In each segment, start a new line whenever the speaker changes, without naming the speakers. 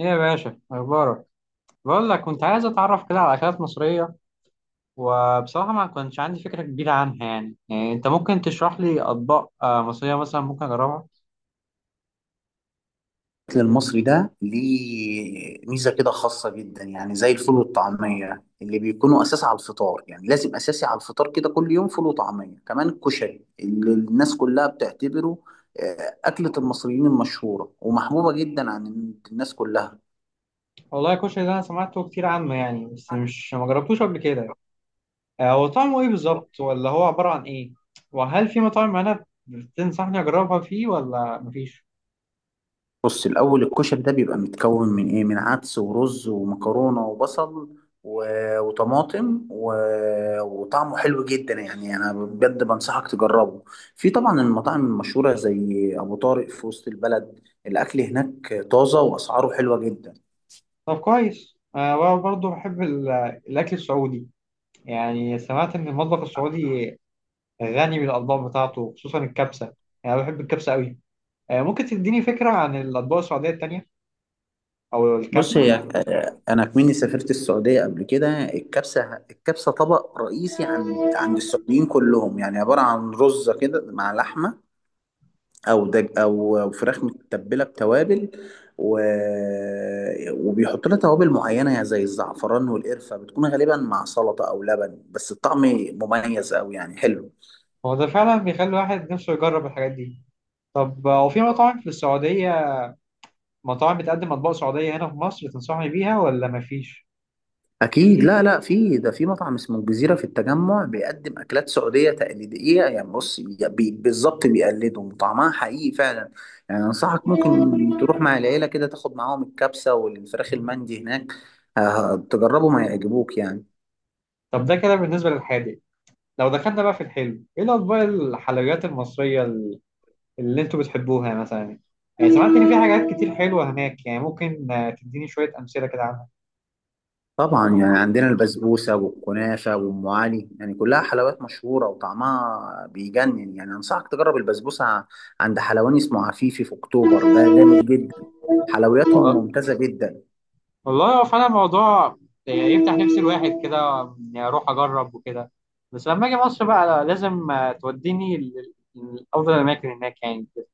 ايه يا باشا اخبارك؟ بقول لك كنت عايز اتعرف كده على اكلات مصريه، وبصراحه ما كنتش عندي فكره كبيره عنها يعني، انت ممكن تشرح لي اطباق مصريه مثلا ممكن اجربها؟
الأكل المصري ده ليه ميزة كده خاصة جدا، يعني زي الفول والطعمية اللي بيكونوا أساس على الفطار، يعني لازم أساسي على الفطار كده كل يوم فول وطعمية. كمان الكشري اللي الناس كلها بتعتبره أكلة المصريين المشهورة ومحبوبة جدا عن الناس كلها.
والله الكشري ده انا سمعته كتير عنه يعني بس مش ما جربتوش قبل كده. هو طعمه ايه بالظبط ولا هو عباره عن ايه؟ وهل في مطاعم انا تنصحني اجربها فيه ولا مفيش؟
بص، الأول الكشري ده بيبقى متكون من إيه؟ من عدس ورز ومكرونة وبصل و... وطماطم وطعمه حلو جدا، يعني أنا بجد بنصحك تجربه. في طبعا المطاعم المشهورة زي أبو طارق في وسط البلد، الأكل هناك طازة وأسعاره حلوة جدا.
طب كويس، انا برضه بحب الاكل السعودي، يعني سمعت ان المطبخ السعودي غني بالاطباق بتاعته خصوصا الكبسه، يعني انا بحب الكبسه قوي. ممكن تديني فكره عن الاطباق السعوديه التانيه او
بص
الكبسه؟
هي، أنا كمني سافرت السعودية قبل كده. الكبسة طبق رئيسي عند السعوديين كلهم، يعني عبارة عن رز كده مع لحمة او دج او فراخ متبله بتوابل و... وبيحط لها توابل معينه يعني زي الزعفران والقرفه، بتكون غالبا مع سلطه او لبن، بس الطعم مميز قوي يعني حلو.
هو ده فعلا بيخلي الواحد نفسه يجرب الحاجات دي. طب هو في مطاعم في السعوديه، مطاعم بتقدم اطباق سعوديه هنا في مصر تنصحني بيها ولا مفيش؟
اكيد، لا في، ده في مطعم اسمه الجزيره في التجمع بيقدم اكلات سعوديه تقليديه، يعني بص بالظبط بيقلدهم، طعمها حقيقي فعلا. يعني انصحك ممكن تروح مع العيله كده، تاخد معاهم الكبسه والفراخ المندي هناك، تجربهم هيعجبوك يعني.
طب ده كده بالنسبه للحادق، لو دخلنا بقى في الحلو، ايه الاطباق الحلويات المصريه اللي انتوا بتحبوها مثلا؟ يعني سمعت ان في حاجات كتير حلوه هناك، يعني ممكن تديني شويه امثله كده
طبعا يعني عندنا البسبوسة والكنافة وأم علي، يعني كلها حلويات مشهورة وطعمها بيجنن. يعني أنصحك تجرب البسبوسة عند حلواني اسمه عفيفي في أكتوبر، ده جامد جدا، حلوياتهم
عنها؟
ممتازة جدا.
والله هو فعلا الموضوع يعني يفتح نفس الواحد كده إني اروح اجرب وكده. بس لما اجي مصر بقى لازم توديني لافضل الاماكن هناك يعني كده.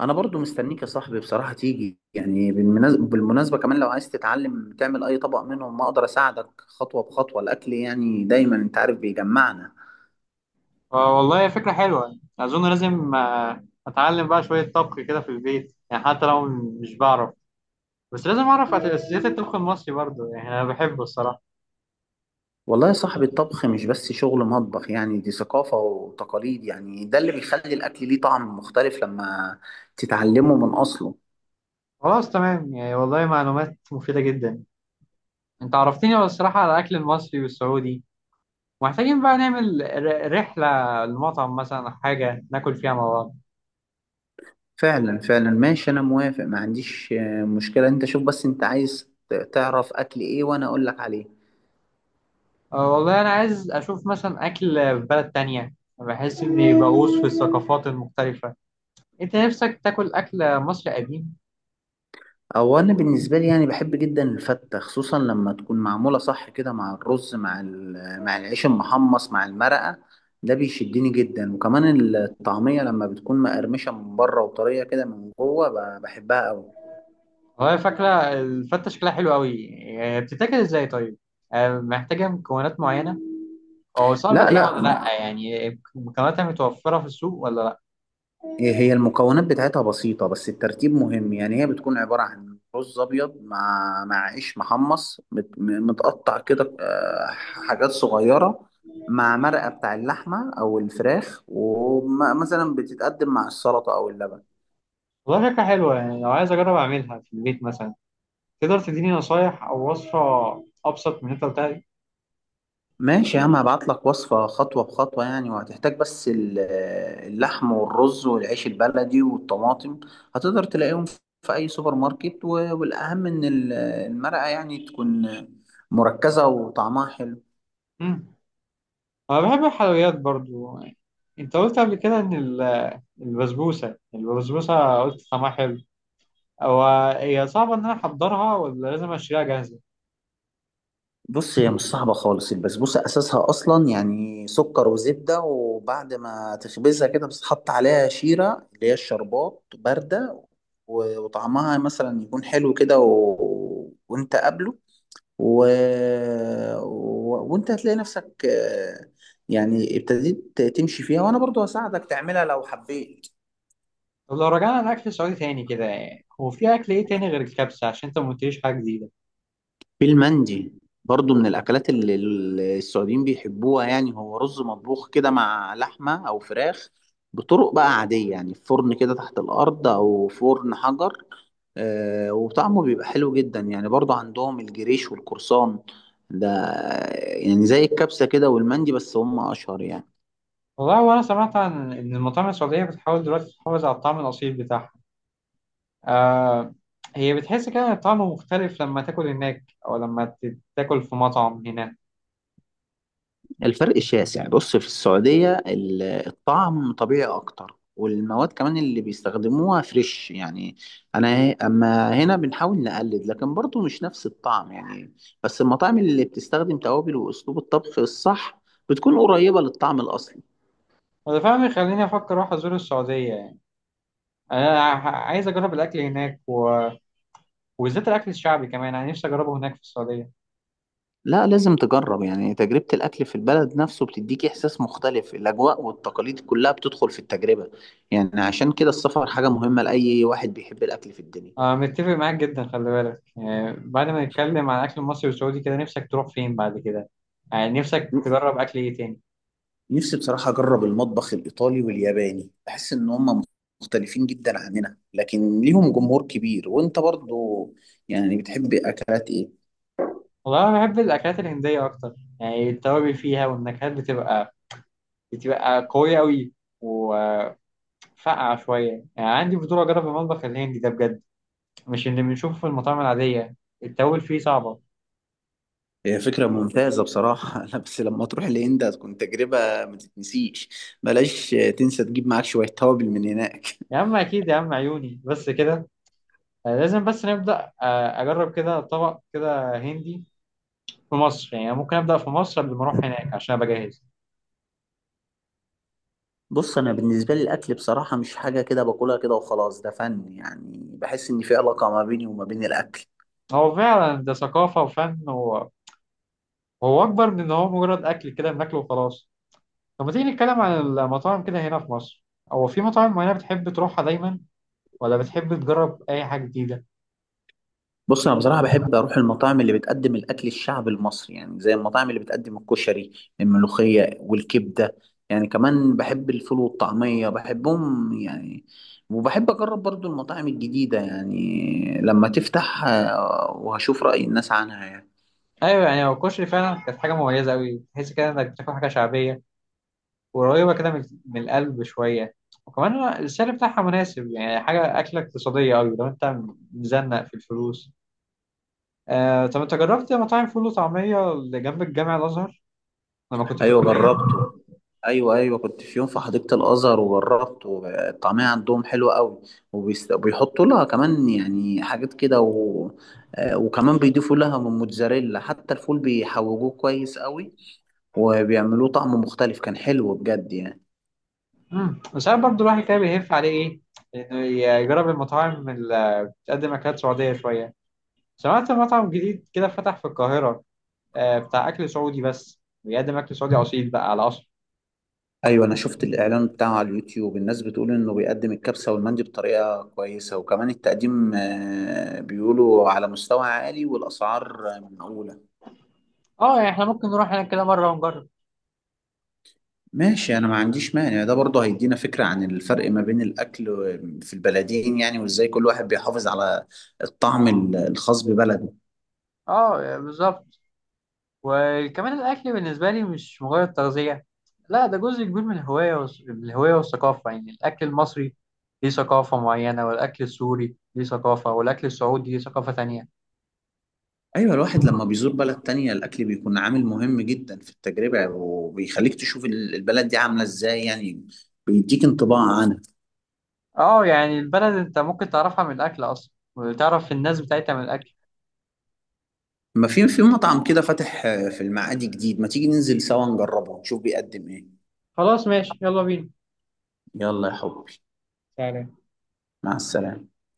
أنا برضو مستنيك يا صاحبي بصراحة تيجي. يعني بالمناسبة كمان لو عايز تتعلم تعمل أي طبق منهم، ما أقدر أساعدك خطوة بخطوة. الأكل يعني دايما أنت عارف بيجمعنا.
والله فكره حلوه، اظن لازم اتعلم بقى شويه طبخ كده في البيت، يعني حتى لو مش بعرف بس لازم اعرف اساسيات الطبخ المصري برضه، يعني انا بحبه الصراحه.
والله يا صاحبي، الطبخ مش بس شغل مطبخ، يعني دي ثقافة وتقاليد، يعني ده اللي بيخلي الأكل ليه طعم مختلف لما تتعلمه من أصله.
خلاص تمام، يعني والله معلومات مفيده جدا، انت عرفتني الصراحه على الاكل المصري والسعودي. محتاجين بقى نعمل رحلة لمطعم مثلا أو حاجة ناكل فيها مع بعض.
فعلا ماشي، أنا موافق، ما عنديش مشكلة. أنت شوف بس أنت عايز تعرف أكل إيه وأنا أقول لك عليه.
أه والله أنا عايز أشوف مثلا أكل في بلد تانية، بحس إني بغوص في الثقافات المختلفة. أنت نفسك تاكل أكل مصري قديم؟
أو أنا بالنسبة لي يعني بحب جدا الفتة، خصوصا لما تكون معمولة صح كده مع الرز، مع مع العيش المحمص مع المرقة، ده بيشدني جدا. وكمان الطعمية لما بتكون مقرمشة من بره وطرية كده من جوه، بحبها أوي.
والله فاكرة الفتة شكلها حلو أوي، يعني بتتاكل إزاي طيب؟ أه محتاجة مكونات معينة؟ أو صعب
لا
ألاقيها
لا.
ولا لأ يعني؟ مكوناتها متوفرة في السوق ولا لأ؟
هي المكونات بتاعتها بسيطة، بس الترتيب مهم. يعني هي بتكون عبارة عن رز أبيض مع عيش محمص متقطع كده، حاجات صغيرة، مع مرقة بتاع اللحمة أو الفراخ، ومثلا بتتقدم مع السلطة أو اللبن.
والله شكلها حلوة، يعني لو عايز أجرب أعملها في البيت مثلا، تقدر تديني نصايح أو وصفة أبسط من اللي أنت قلتها دي؟
ماشي يا عم، هبعت لك وصفة خطوة بخطوة، يعني وهتحتاج بس اللحم والرز والعيش البلدي والطماطم، هتقدر تلاقيهم في أي سوبر ماركت، والأهم إن المرقة يعني تكون مركزة وطعمها حلو.
مم. أنا بحب الحلويات برضو. أنت قلت قبل كده إن البسبوسة قلت طعمها حلو. هو هي صعبة إن أنا أحضرها ولا لازم أشتريها جاهزة؟
بص، هي مش صعبة خالص. البسبوسة أساسها أصلا يعني سكر وزبدة، وبعد ما تخبزها كده بتتحط عليها شيرة اللي هي الشربات باردة، وطعمها مثلا يكون حلو كده وأنت قابله و... وانت هتلاقي نفسك، يعني ابتديت تمشي فيها، وانا برضو هساعدك تعملها لو حبيت.
طب لو رجعنا لأكل سعودي تاني كده، هو في أكل إيه تاني غير الكبسة عشان أنت ما قلتليش حاجة جديدة؟
في المندي، برضو من الأكلات اللي السعوديين بيحبوها، يعني هو رز مطبوخ كده مع لحمة أو فراخ، بطرق بقى عادية، يعني في فرن كده تحت الأرض أو فرن حجر. وطعمه بيبقى حلو جدا. يعني برضو عندهم الجريش والقرصان ده، يعني زي الكبسة كده والمندي، بس هم أشهر يعني.
والله وأنا سمعت عن إن المطاعم السعودية بتحاول دلوقتي تحافظ على الطعم الأصيل بتاعها. آه، هي بتحس كده إن الطعم مختلف لما تاكل هناك أو لما تاكل في مطعم هنا؟
الفرق شاسع. بص في السعودية الطعم طبيعي أكتر، والمواد كمان اللي بيستخدموها فريش يعني. أنا أما هنا بنحاول نقلد، لكن برضه مش نفس الطعم يعني، بس المطاعم اللي بتستخدم توابل وأسلوب الطبخ الصح بتكون قريبة للطعم الأصلي.
وده فعلا يخليني أفكر أروح أزور السعودية. انا عايز اجرب الاكل هناك وبالذات الاكل الشعبي، كمان انا نفسي اجربه هناك في السعوديه.
لا لازم تجرب، يعني تجربة الأكل في البلد نفسه بتديك إحساس مختلف، الأجواء والتقاليد كلها بتدخل في التجربة، يعني عشان كده السفر حاجة مهمة لأي واحد بيحب الأكل في الدنيا.
انا متفق معاك جدا. خلي بالك يعني بعد ما نتكلم عن الاكل المصري والسعودي كده، نفسك تروح فين بعد كده؟ يعني نفسك تجرب اكل ايه تاني؟
نفسي بصراحة أجرب المطبخ الإيطالي والياباني، بحس إن هما مختلفين جدا عننا لكن ليهم جمهور كبير. وأنت برضو يعني بتحب أكلات إيه؟
والله انا بحب الاكلات الهنديه اكتر، يعني التوابل فيها والنكهات بتبقى قويه قوي وفقعه شويه، يعني عندي فضول اجرب المطبخ الهندي ده بجد، مش اللي بنشوفه في المطاعم العاديه. التوابل فيه صعبه.
هي فكرة ممتازة بصراحة. لا بس لما تروح الهند هتكون تجربة ما تتنسيش، بلاش تنسى تجيب معاك شوية توابل من هناك.
يا عم اكيد يا عم، عيوني بس كده. لازم بس نبدأ، أجرب كده طبق كده هندي في مصر، يعني ممكن أبدأ في مصر قبل ما أروح هناك عشان أبقى جاهز.
بص أنا بالنسبة لي الأكل بصراحة مش حاجة كده باكلها كده وخلاص، ده فن، يعني بحس إن في علاقة ما بيني وما بين الأكل.
هو فعلا ده ثقافة وفن وهو أكبر من إن هو مجرد أكل كده بناكله وخلاص. طب ما تيجي نتكلم عن المطاعم كده هنا في مصر، هو في مطاعم معينة بتحب تروحها دايما ولا بتحب تجرب أي حاجة جديدة؟
بص انا بصراحه بحب اروح المطاعم اللي بتقدم الاكل الشعبي المصري، يعني زي المطاعم اللي بتقدم الكشري، الملوخيه والكبده. يعني كمان بحب الفول والطعميه بحبهم يعني. وبحب اجرب برضو المطاعم الجديده، يعني لما تفتح وهشوف راي الناس عنها يعني.
أيوه، يعني هو الكشري فعلا كانت حاجة مميزة أوي، تحس كده إنك بتاكل حاجة شعبية قريبة كده من القلب شوية، وكمان السعر بتاعها مناسب، يعني حاجة أكلة اقتصادية أوي لو أنت مزنق في الفلوس. آه، طب أنت جربت مطاعم فول وطعمية اللي جنب الجامع الأزهر لما كنت في
ايوه
الكلية؟
جربته، ايوه كنت في يوم في حديقه الازهر وجربت، والطعميه عندهم حلوه قوي. وبيحطوا لها كمان يعني حاجات كده وكمان بيضيفوا لها من موتزاريلا، حتى الفول بيحوجوه كويس قوي، وبيعملوه طعم مختلف، كان حلو بجد يعني.
بس أنا برضه الواحد كده بيهف عليه إيه؟ إنه يجرب المطاعم اللي بتقدم أكلات سعودية شوية. سمعت مطعم جديد كده فتح في القاهرة، آه، بتاع أكل سعودي، بس بيقدم أكل سعودي أصيل بقى على أصل.
ايوه انا شفت الاعلان بتاعه على اليوتيوب، الناس بتقول انه بيقدم الكبسه والمندي بطريقه كويسه، وكمان التقديم بيقولوا على مستوى عالي، والاسعار معقوله.
آه، يعني إحنا ممكن نروح هناك كده مرة ونجرب.
ماشي انا ما عنديش مانع، ده برضه هيدينا فكرة عن الفرق ما بين الاكل في البلدين يعني، وازاي كل واحد بيحافظ على الطعم الخاص ببلده.
آه بالظبط، وكمان الأكل بالنسبة لي مش مجرد تغذية، لا ده جزء كبير من الهواية من الهواية والثقافة، يعني الأكل المصري ليه ثقافة معينة، والأكل السوري ليه ثقافة، والأكل السعودي ليه ثقافة تانية.
ايوه الواحد لما بيزور بلد تانية الاكل بيكون عامل مهم جدا في التجربة، وبيخليك تشوف البلد دي عاملة ازاي يعني، بيديك انطباع عنها.
اه يعني البلد أنت ممكن تعرفها من الأكل أصلا، وتعرف الناس بتاعتها من الأكل.
ما في، في مطعم كده فاتح في المعادي جديد، ما تيجي ننزل سوا نجربه نشوف بيقدم ايه.
خلاص ماشي، يلا بينا،
يلا يا حبي،
تعالى.
مع السلامة.